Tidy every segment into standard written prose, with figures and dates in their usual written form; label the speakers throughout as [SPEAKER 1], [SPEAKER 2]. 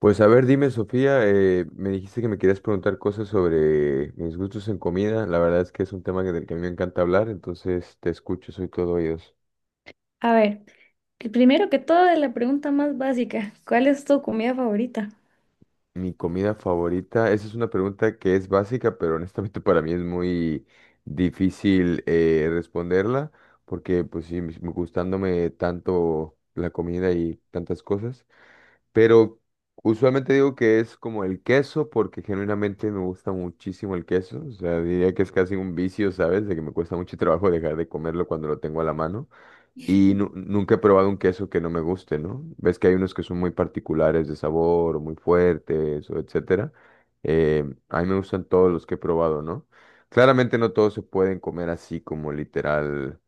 [SPEAKER 1] Pues a ver, dime, Sofía, me dijiste que me querías preguntar cosas sobre mis gustos en comida. La verdad es que es un tema del que a mí me encanta hablar, entonces te escucho, soy todo oídos.
[SPEAKER 2] A ver, el primero que todo es la pregunta más básica. ¿Cuál es tu comida favorita?
[SPEAKER 1] Mi comida favorita, esa es una pregunta que es básica, pero honestamente para mí es muy difícil responderla, porque pues sí, gustándome tanto la comida y tantas cosas. Pero usualmente digo que es como el queso porque genuinamente me gusta muchísimo el queso. O sea, diría que es casi un vicio, ¿sabes? De que me cuesta mucho trabajo dejar de comerlo cuando lo tengo a la mano. Y nunca he probado un queso que no me guste, ¿no? Ves que hay unos que son muy particulares de sabor o muy fuertes o etcétera. A mí me gustan todos los que he probado, ¿no? Claramente no todos se pueden comer así como literal,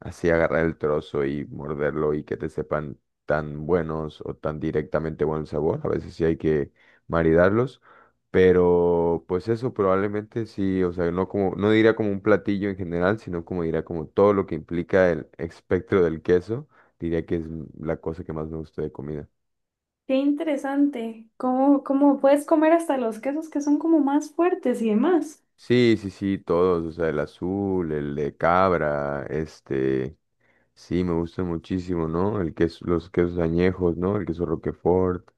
[SPEAKER 1] así agarrar el trozo y morderlo y que te sepan tan buenos o tan directamente buen sabor. A veces sí hay que maridarlos. Pero pues eso probablemente sí, o sea, no como, no diría como un platillo en general, sino como diría como todo lo que implica el espectro del queso, diría que es la cosa que más me gusta de comida.
[SPEAKER 2] Qué interesante. ¿Cómo puedes comer hasta los quesos que son como más fuertes y demás?
[SPEAKER 1] Sí, sí, sí, todos, o sea, el azul, el de cabra, este, sí, me gusta muchísimo, ¿no? El queso, los quesos añejos, ¿no? El queso Roquefort.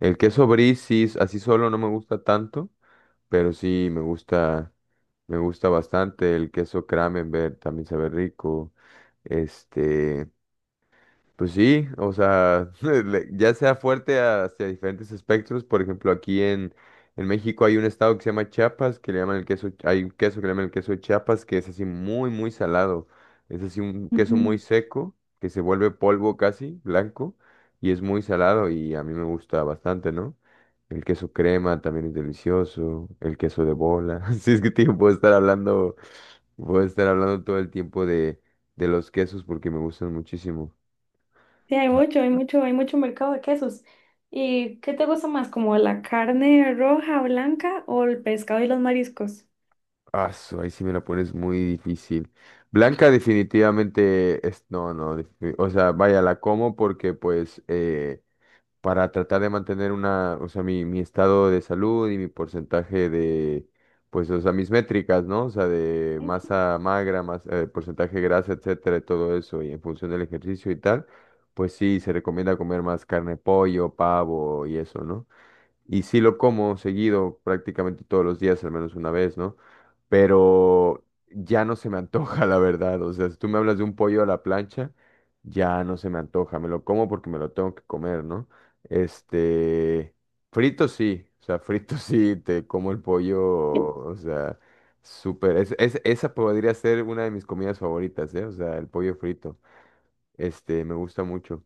[SPEAKER 1] El queso brie, sí, así solo no me gusta tanto, pero sí me gusta bastante. El queso Kramenberg también sabe rico. Este, pues sí, o sea, ya sea fuerte hacia diferentes espectros, por ejemplo, aquí en México hay un estado que se llama Chiapas, que le llaman el queso, hay un queso que le llaman el queso de Chiapas, que es así muy, muy salado, es así un queso muy
[SPEAKER 2] Ujú.
[SPEAKER 1] seco, que se vuelve polvo casi, blanco, y es muy salado y a mí me gusta bastante, ¿no? El queso crema también es delicioso, el queso de bola, sí es que tío, puedo estar hablando todo el tiempo de los quesos porque me gustan muchísimo.
[SPEAKER 2] Sí, hay mucho, hay mucho, hay mucho mercado de quesos. ¿Y qué te gusta más, como la carne roja, blanca o el pescado y los mariscos?
[SPEAKER 1] Ah, ahí sí me la pones muy difícil. Blanca definitivamente es, no, no, o sea, vaya, la como porque pues para tratar de mantener una, o sea, mi estado de salud y mi porcentaje de, pues, o sea, mis métricas, ¿no? O sea, de
[SPEAKER 2] Ay, sí.
[SPEAKER 1] masa magra, más porcentaje de grasa, etcétera, y todo eso, y en función del ejercicio y tal, pues sí, se recomienda comer más carne, pollo, pavo y eso, ¿no? Y sí lo como seguido, prácticamente todos los días, al menos una vez, ¿no? Pero ya no se me antoja, la verdad. O sea, si tú me hablas de un pollo a la plancha, ya no se me antoja. Me lo como porque me lo tengo que comer, ¿no? Este, frito sí, o sea, frito sí, te como el pollo,
[SPEAKER 2] Eh,
[SPEAKER 1] o sea, súper. Es, esa podría ser una de mis comidas favoritas, ¿eh? O sea, el pollo frito. Este, me gusta mucho.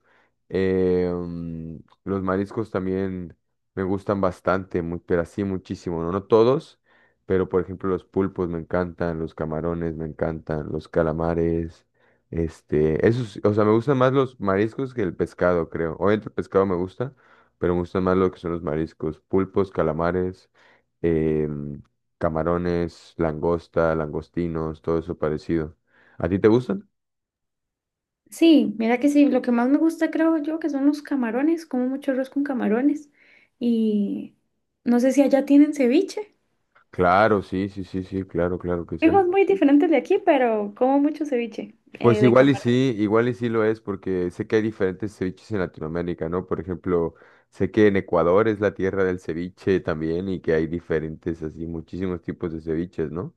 [SPEAKER 1] Eh, mm, los mariscos también me gustan bastante, pero así muchísimo, ¿no? No todos, pero por ejemplo los pulpos me encantan, los camarones me encantan, los calamares, este, esos, o sea, me gustan más los mariscos que el pescado, creo. Obviamente el pescado me gusta, pero me gustan más lo que son los mariscos, pulpos, calamares, eh, mm, camarones, langosta, langostinos, todo eso parecido. ¿A ti te gustan?
[SPEAKER 2] Sí, mira que sí, lo que más me gusta creo yo que son los camarones, como mucho arroz con camarones y no sé si allá tienen ceviche.
[SPEAKER 1] Claro, sí, sí, sí, sí, claro, claro que sí.
[SPEAKER 2] Frijos muy diferentes de aquí, pero como mucho ceviche
[SPEAKER 1] Pues
[SPEAKER 2] de camarón.
[SPEAKER 1] igual y sí lo es, porque sé que hay diferentes ceviches en Latinoamérica, ¿no? Por ejemplo, sé que en Ecuador es la tierra del ceviche también y que hay diferentes, así, muchísimos tipos de ceviches, ¿no?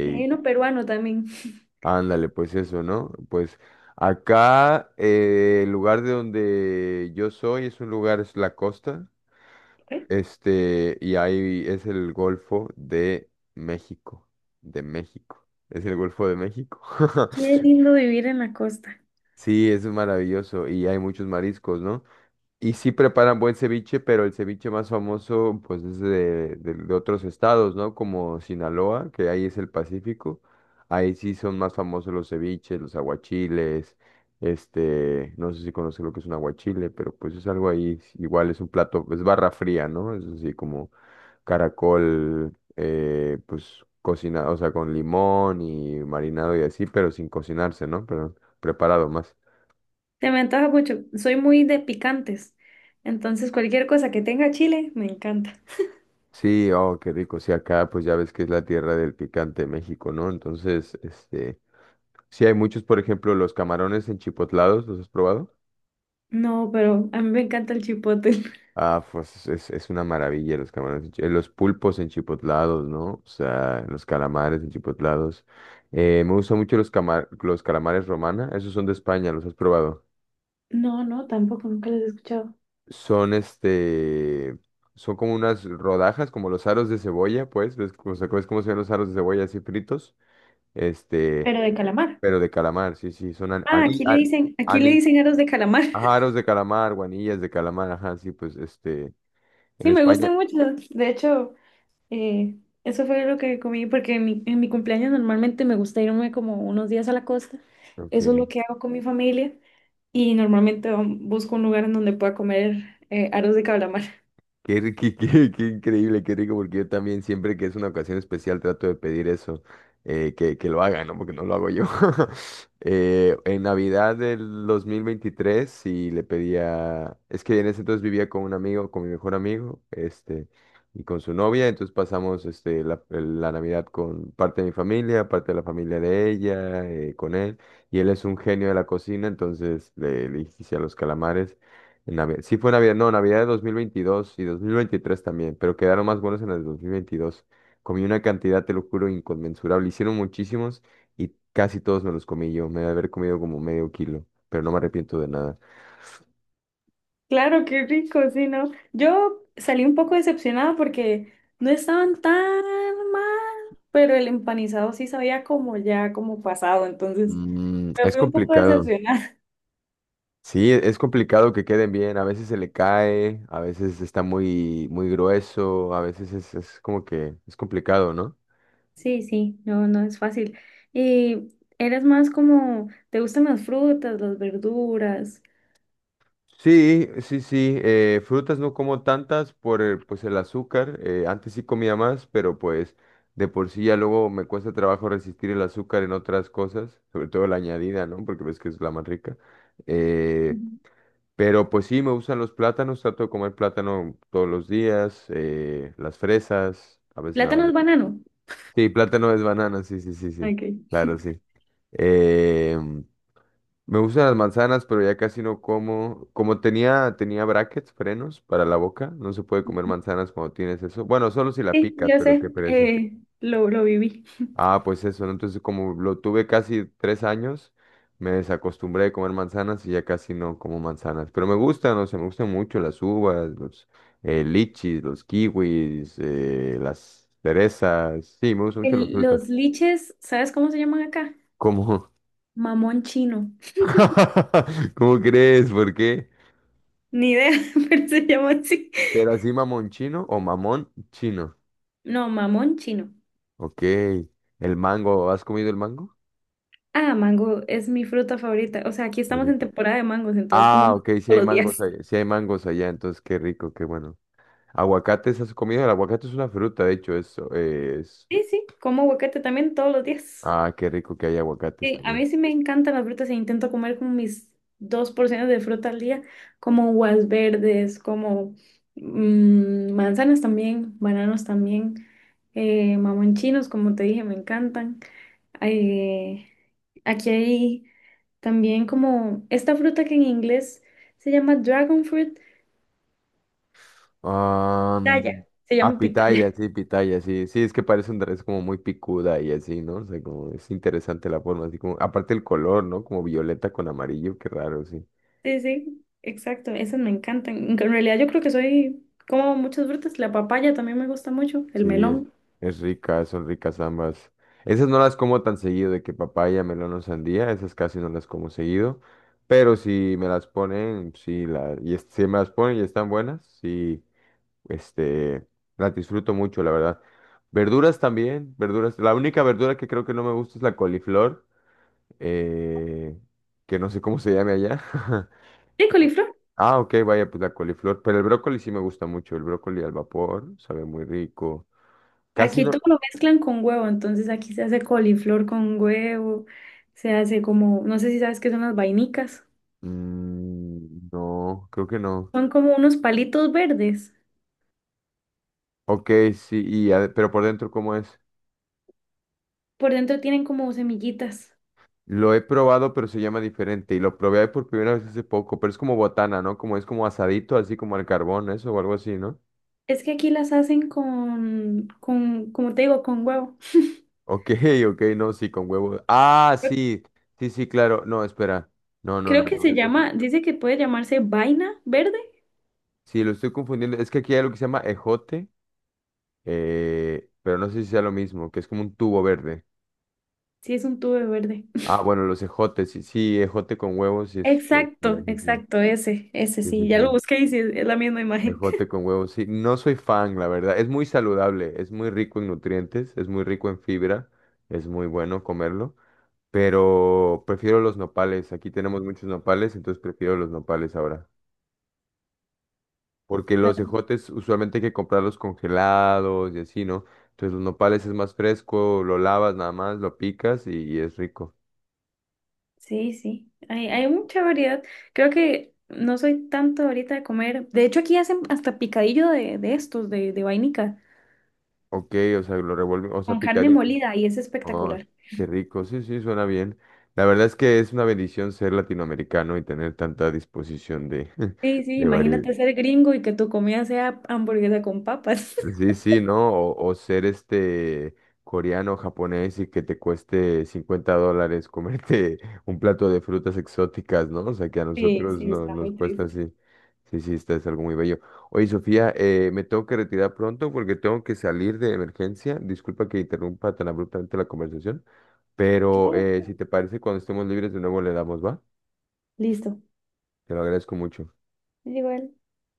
[SPEAKER 2] Y hay uno peruano también.
[SPEAKER 1] Ándale, pues eso, ¿no? Pues acá, el lugar de donde yo soy es un lugar, es la costa,
[SPEAKER 2] ¿Eh?
[SPEAKER 1] este, y ahí es el Golfo de México, de México. Es el Golfo de México.
[SPEAKER 2] Qué lindo vivir en la costa.
[SPEAKER 1] Sí, eso es maravilloso y hay muchos mariscos, ¿no? Y sí preparan buen ceviche, pero el ceviche más famoso pues es de, de otros estados, ¿no? Como Sinaloa, que ahí es el Pacífico. Ahí sí son más famosos los ceviches, los aguachiles, este, no sé si conoces lo que es un aguachile, pero pues es algo ahí, igual es un plato, es barra fría, ¿no? Es así como caracol, pues cocinado, o sea, con limón y marinado y así, pero sin cocinarse, ¿no? Pero preparado más.
[SPEAKER 2] Te me antoja mucho. Soy muy de picantes. Entonces, cualquier cosa que tenga chile, me encanta.
[SPEAKER 1] Sí, oh, qué rico. Sí, acá pues ya ves que es la tierra del picante México, ¿no? Entonces, este, sí hay muchos, por ejemplo, los camarones enchipotlados, ¿los has probado?
[SPEAKER 2] No, pero a mí me encanta el chipotle.
[SPEAKER 1] Ah, pues es una maravilla los camarones, los pulpos enchipotlados, ¿no? O sea, los calamares enchipotlados. Me gustan mucho los calamares romana, esos son de España, ¿los has probado?
[SPEAKER 2] No, no, tampoco, nunca los he escuchado.
[SPEAKER 1] Son este, son como unas rodajas, como los aros de cebolla, pues, o sea, ¿ves cómo se ven los aros de cebolla así fritos? Este.
[SPEAKER 2] Pero de calamar.
[SPEAKER 1] Pero de calamar, sí, sí, son ani,
[SPEAKER 2] Ah,
[SPEAKER 1] ani, a-
[SPEAKER 2] aquí le
[SPEAKER 1] ani-
[SPEAKER 2] dicen aros de calamar.
[SPEAKER 1] ajaros de calamar, guanillas de calamar, ajá, sí, pues este, en
[SPEAKER 2] Sí, me
[SPEAKER 1] España.
[SPEAKER 2] gustan mucho. De hecho. Eh, eso fue lo que comí porque en mi cumpleaños normalmente me gusta irme como unos días a la costa. Eso es
[SPEAKER 1] Ok.
[SPEAKER 2] lo que hago con mi familia y normalmente busco un lugar en donde pueda comer aros de calamar.
[SPEAKER 1] Qué increíble, qué rico, porque yo también siempre que es una ocasión especial trato de pedir eso, que lo hagan, ¿no? Porque no lo hago yo. En Navidad del 2023 sí le pedía, es que en ese entonces vivía con un amigo, con mi mejor amigo, este, y con su novia, entonces pasamos este, la Navidad con parte de mi familia, parte de la familia de ella, con él, y él es un genio de la cocina, entonces le hice a los calamares. En Navidad. Sí fue Navidad, no, Navidad de 2022 y 2023 también, pero quedaron más buenos en el 2022. Comí una cantidad, te lo juro, inconmensurable. Hicieron muchísimos y casi todos me los comí yo. Me debe haber comido como medio kilo, pero no me arrepiento de nada.
[SPEAKER 2] Claro, qué rico, sí, ¿no? Yo salí un poco decepcionada porque no estaban tan mal, pero el empanizado sí sabía como ya, como pasado, entonces
[SPEAKER 1] Mm,
[SPEAKER 2] me
[SPEAKER 1] es
[SPEAKER 2] fui un poco
[SPEAKER 1] complicado.
[SPEAKER 2] decepcionada.
[SPEAKER 1] Sí, es complicado que queden bien. A veces se le cae, a veces está muy, muy grueso, a veces es como que es complicado, ¿no?
[SPEAKER 2] Sí, sí, no, no es fácil. Y eres más como, ¿te gustan las frutas, las verduras?
[SPEAKER 1] Sí, sí, sí. Frutas no como tantas por el, pues el azúcar. Antes sí comía más, pero pues de por sí ya luego me cuesta trabajo resistir el azúcar en otras cosas, sobre todo la añadida, ¿no? Porque ves que es la más rica. eh,
[SPEAKER 2] Ujú.
[SPEAKER 1] pero pues sí, me gustan los plátanos. Trato de comer plátano todos los días. Las fresas, a veces me hago.
[SPEAKER 2] Plátanos, banano.
[SPEAKER 1] Sí, plátano es banana, sí, sí, sí, sí.
[SPEAKER 2] Okay.
[SPEAKER 1] Claro, sí. em, me gustan las manzanas, pero ya casi no como. Como tenía brackets, frenos para la boca, no se puede comer manzanas cuando tienes eso. Bueno, solo si la
[SPEAKER 2] Sí,
[SPEAKER 1] picas,
[SPEAKER 2] yo
[SPEAKER 1] pero
[SPEAKER 2] sé,
[SPEAKER 1] qué pereza.
[SPEAKER 2] lo viví.
[SPEAKER 1] Ah, pues eso, ¿no? Entonces, como lo tuve casi 3 años, me desacostumbré de comer manzanas y ya casi no como manzanas. Pero me gustan, o sea, me gustan mucho las uvas, los lichis, los kiwis, las cerezas. Sí, me gustan mucho las
[SPEAKER 2] El-
[SPEAKER 1] frutas.
[SPEAKER 2] los liches, ¿sabes cómo se llaman acá?
[SPEAKER 1] ¿Cómo?
[SPEAKER 2] Mamón chino.
[SPEAKER 1] ¿Cómo crees? ¿Por qué?
[SPEAKER 2] Ni idea, pero se llama así.
[SPEAKER 1] Pero así mamón chino o mamón chino.
[SPEAKER 2] No, mamón chino.
[SPEAKER 1] Ok. El mango, ¿has comido el mango?
[SPEAKER 2] Ah, mango es mi fruta favorita. O sea, aquí
[SPEAKER 1] Qué
[SPEAKER 2] estamos en
[SPEAKER 1] rico.
[SPEAKER 2] temporada de mangos, entonces como
[SPEAKER 1] Ah,
[SPEAKER 2] mango
[SPEAKER 1] ok, si
[SPEAKER 2] todos
[SPEAKER 1] hay
[SPEAKER 2] los
[SPEAKER 1] mangos
[SPEAKER 2] días.
[SPEAKER 1] allá, sí hay mangos allá, entonces qué rico, qué bueno. ¿Aguacates has comido? El aguacate es una fruta, de hecho, eso es.
[SPEAKER 2] Sí, sí, como aguacate también todos los días.
[SPEAKER 1] Ah, qué rico que hay aguacates
[SPEAKER 2] Sí, a
[SPEAKER 1] también.
[SPEAKER 2] mí sí me encantan las frutas e intento comer como mis dos porciones de fruta al día, como uvas verdes, como manzanas también, bananos también, mamonchinos, como te dije, me encantan. Eh, aquí hay también como esta fruta que en inglés se llama dragon fruit,
[SPEAKER 1] Ah,
[SPEAKER 2] pitaya,
[SPEAKER 1] mm,
[SPEAKER 2] se
[SPEAKER 1] ah,
[SPEAKER 2] llama
[SPEAKER 1] pitaya,
[SPEAKER 2] pitaya.
[SPEAKER 1] sí, pitaya, sí. Sí, es que parece un es como muy picuda y así, ¿no? O sea, como es interesante la forma, así como, aparte el color, ¿no? Como violeta con amarillo, qué raro, sí.
[SPEAKER 2] Sí, sí, exacto, esas me encantan. En realidad yo creo que soy, como muchas frutas, la papaya también me gusta mucho, el
[SPEAKER 1] Sí,
[SPEAKER 2] melón.
[SPEAKER 1] es rica, son ricas ambas. Esas no las como tan seguido, de que papaya, melón o sandía, esas casi no las como seguido. Pero si me las ponen, sí, si me las ponen y están buenas, sí, este, las disfruto mucho, la verdad. Verduras también, verduras. La única verdura que creo que no me gusta es la coliflor, eh, que no sé cómo se llame allá.
[SPEAKER 2] Sí, coliflor.
[SPEAKER 1] Ah, ok, vaya, pues la coliflor. Pero el brócoli sí me gusta mucho, el brócoli al vapor, sabe muy rico. Casi
[SPEAKER 2] Aquí
[SPEAKER 1] no.
[SPEAKER 2] todo lo mezclan con huevo, entonces aquí se hace coliflor con huevo, se hace como, no sé si sabes qué son las vainicas.
[SPEAKER 1] Mm, no, creo que no.
[SPEAKER 2] Son como unos palitos verdes.
[SPEAKER 1] Ok, sí, y pero por dentro, ¿cómo es?
[SPEAKER 2] Por dentro tienen como semillitas.
[SPEAKER 1] Lo he probado, pero se llama diferente. Y lo probé por primera vez hace poco, pero es como botana, ¿no? Como es como asadito, así como al carbón, eso o algo así, ¿no?
[SPEAKER 2] Es que aquí las hacen como te digo, con huevo.
[SPEAKER 1] Ok, ok, no, sí, con huevo. Ah, sí, sí, sí, claro. No, espera. No, no, no,
[SPEAKER 2] Creo que
[SPEAKER 1] no.
[SPEAKER 2] se llama, dice que puede llamarse vaina verde.
[SPEAKER 1] Sí, lo estoy confundiendo. Es que aquí hay lo que se llama ejote, pero no sé si sea lo mismo, que es como un tubo verde.
[SPEAKER 2] Sí, es un tubo verde.
[SPEAKER 1] Ah, bueno, los ejotes, sí, sí, ejote con huevos, sí es. Ve, por
[SPEAKER 2] Exacto,
[SPEAKER 1] así, sí,
[SPEAKER 2] exacto, ese
[SPEAKER 1] sí, sí.
[SPEAKER 2] sí. Ya lo
[SPEAKER 1] Sí.
[SPEAKER 2] busqué y sí, es la misma imagen.
[SPEAKER 1] Ejote con huevos, sí. No soy fan, la verdad. Es muy saludable, es muy rico en nutrientes, es muy rico en fibra, es muy bueno comerlo, pero prefiero los nopales. Aquí tenemos muchos nopales, entonces prefiero los nopales ahora. Porque los ejotes usualmente hay que comprarlos congelados y así, ¿no? Entonces los nopales es más fresco, lo lavas nada más, lo picas y es rico.
[SPEAKER 2] Sí, sí, hay mucha variedad. Creo que no soy tanto ahorita de comer. De hecho, aquí hacen hasta picadillo de estos, de vainica,
[SPEAKER 1] Ok, o sea, lo revuelves, o sea,
[SPEAKER 2] con
[SPEAKER 1] picas.
[SPEAKER 2] carne molida y es
[SPEAKER 1] Oh,
[SPEAKER 2] espectacular.
[SPEAKER 1] qué rico, sí, sí, suena bien. La verdad es que es una bendición ser latinoamericano y tener tanta disposición de,
[SPEAKER 2] Sí, sí,
[SPEAKER 1] de,
[SPEAKER 2] imagínate
[SPEAKER 1] vari-
[SPEAKER 2] ser gringo y que tu comida sea hamburguesa con papas.
[SPEAKER 1] Sí, sí, ¿no? O ser este coreano, japonés y que te cueste 50 dólares comerte un plato de frutas exóticas, ¿no? O sea, que a
[SPEAKER 2] Sí,
[SPEAKER 1] nosotros
[SPEAKER 2] sí,
[SPEAKER 1] no,
[SPEAKER 2] está
[SPEAKER 1] nos
[SPEAKER 2] muy
[SPEAKER 1] cuesta
[SPEAKER 2] triste.
[SPEAKER 1] así. Sí, sí, está, es algo muy bello. Oye, Sofía, me tengo que retirar pronto porque tengo que salir de emergencia. Disculpa que interrumpa tan abruptamente la conversación, pero
[SPEAKER 2] Claro.
[SPEAKER 1] si te parece, cuando estemos libres de nuevo le damos, ¿va?
[SPEAKER 2] Listo.
[SPEAKER 1] Te lo agradezco mucho.
[SPEAKER 2] Igual.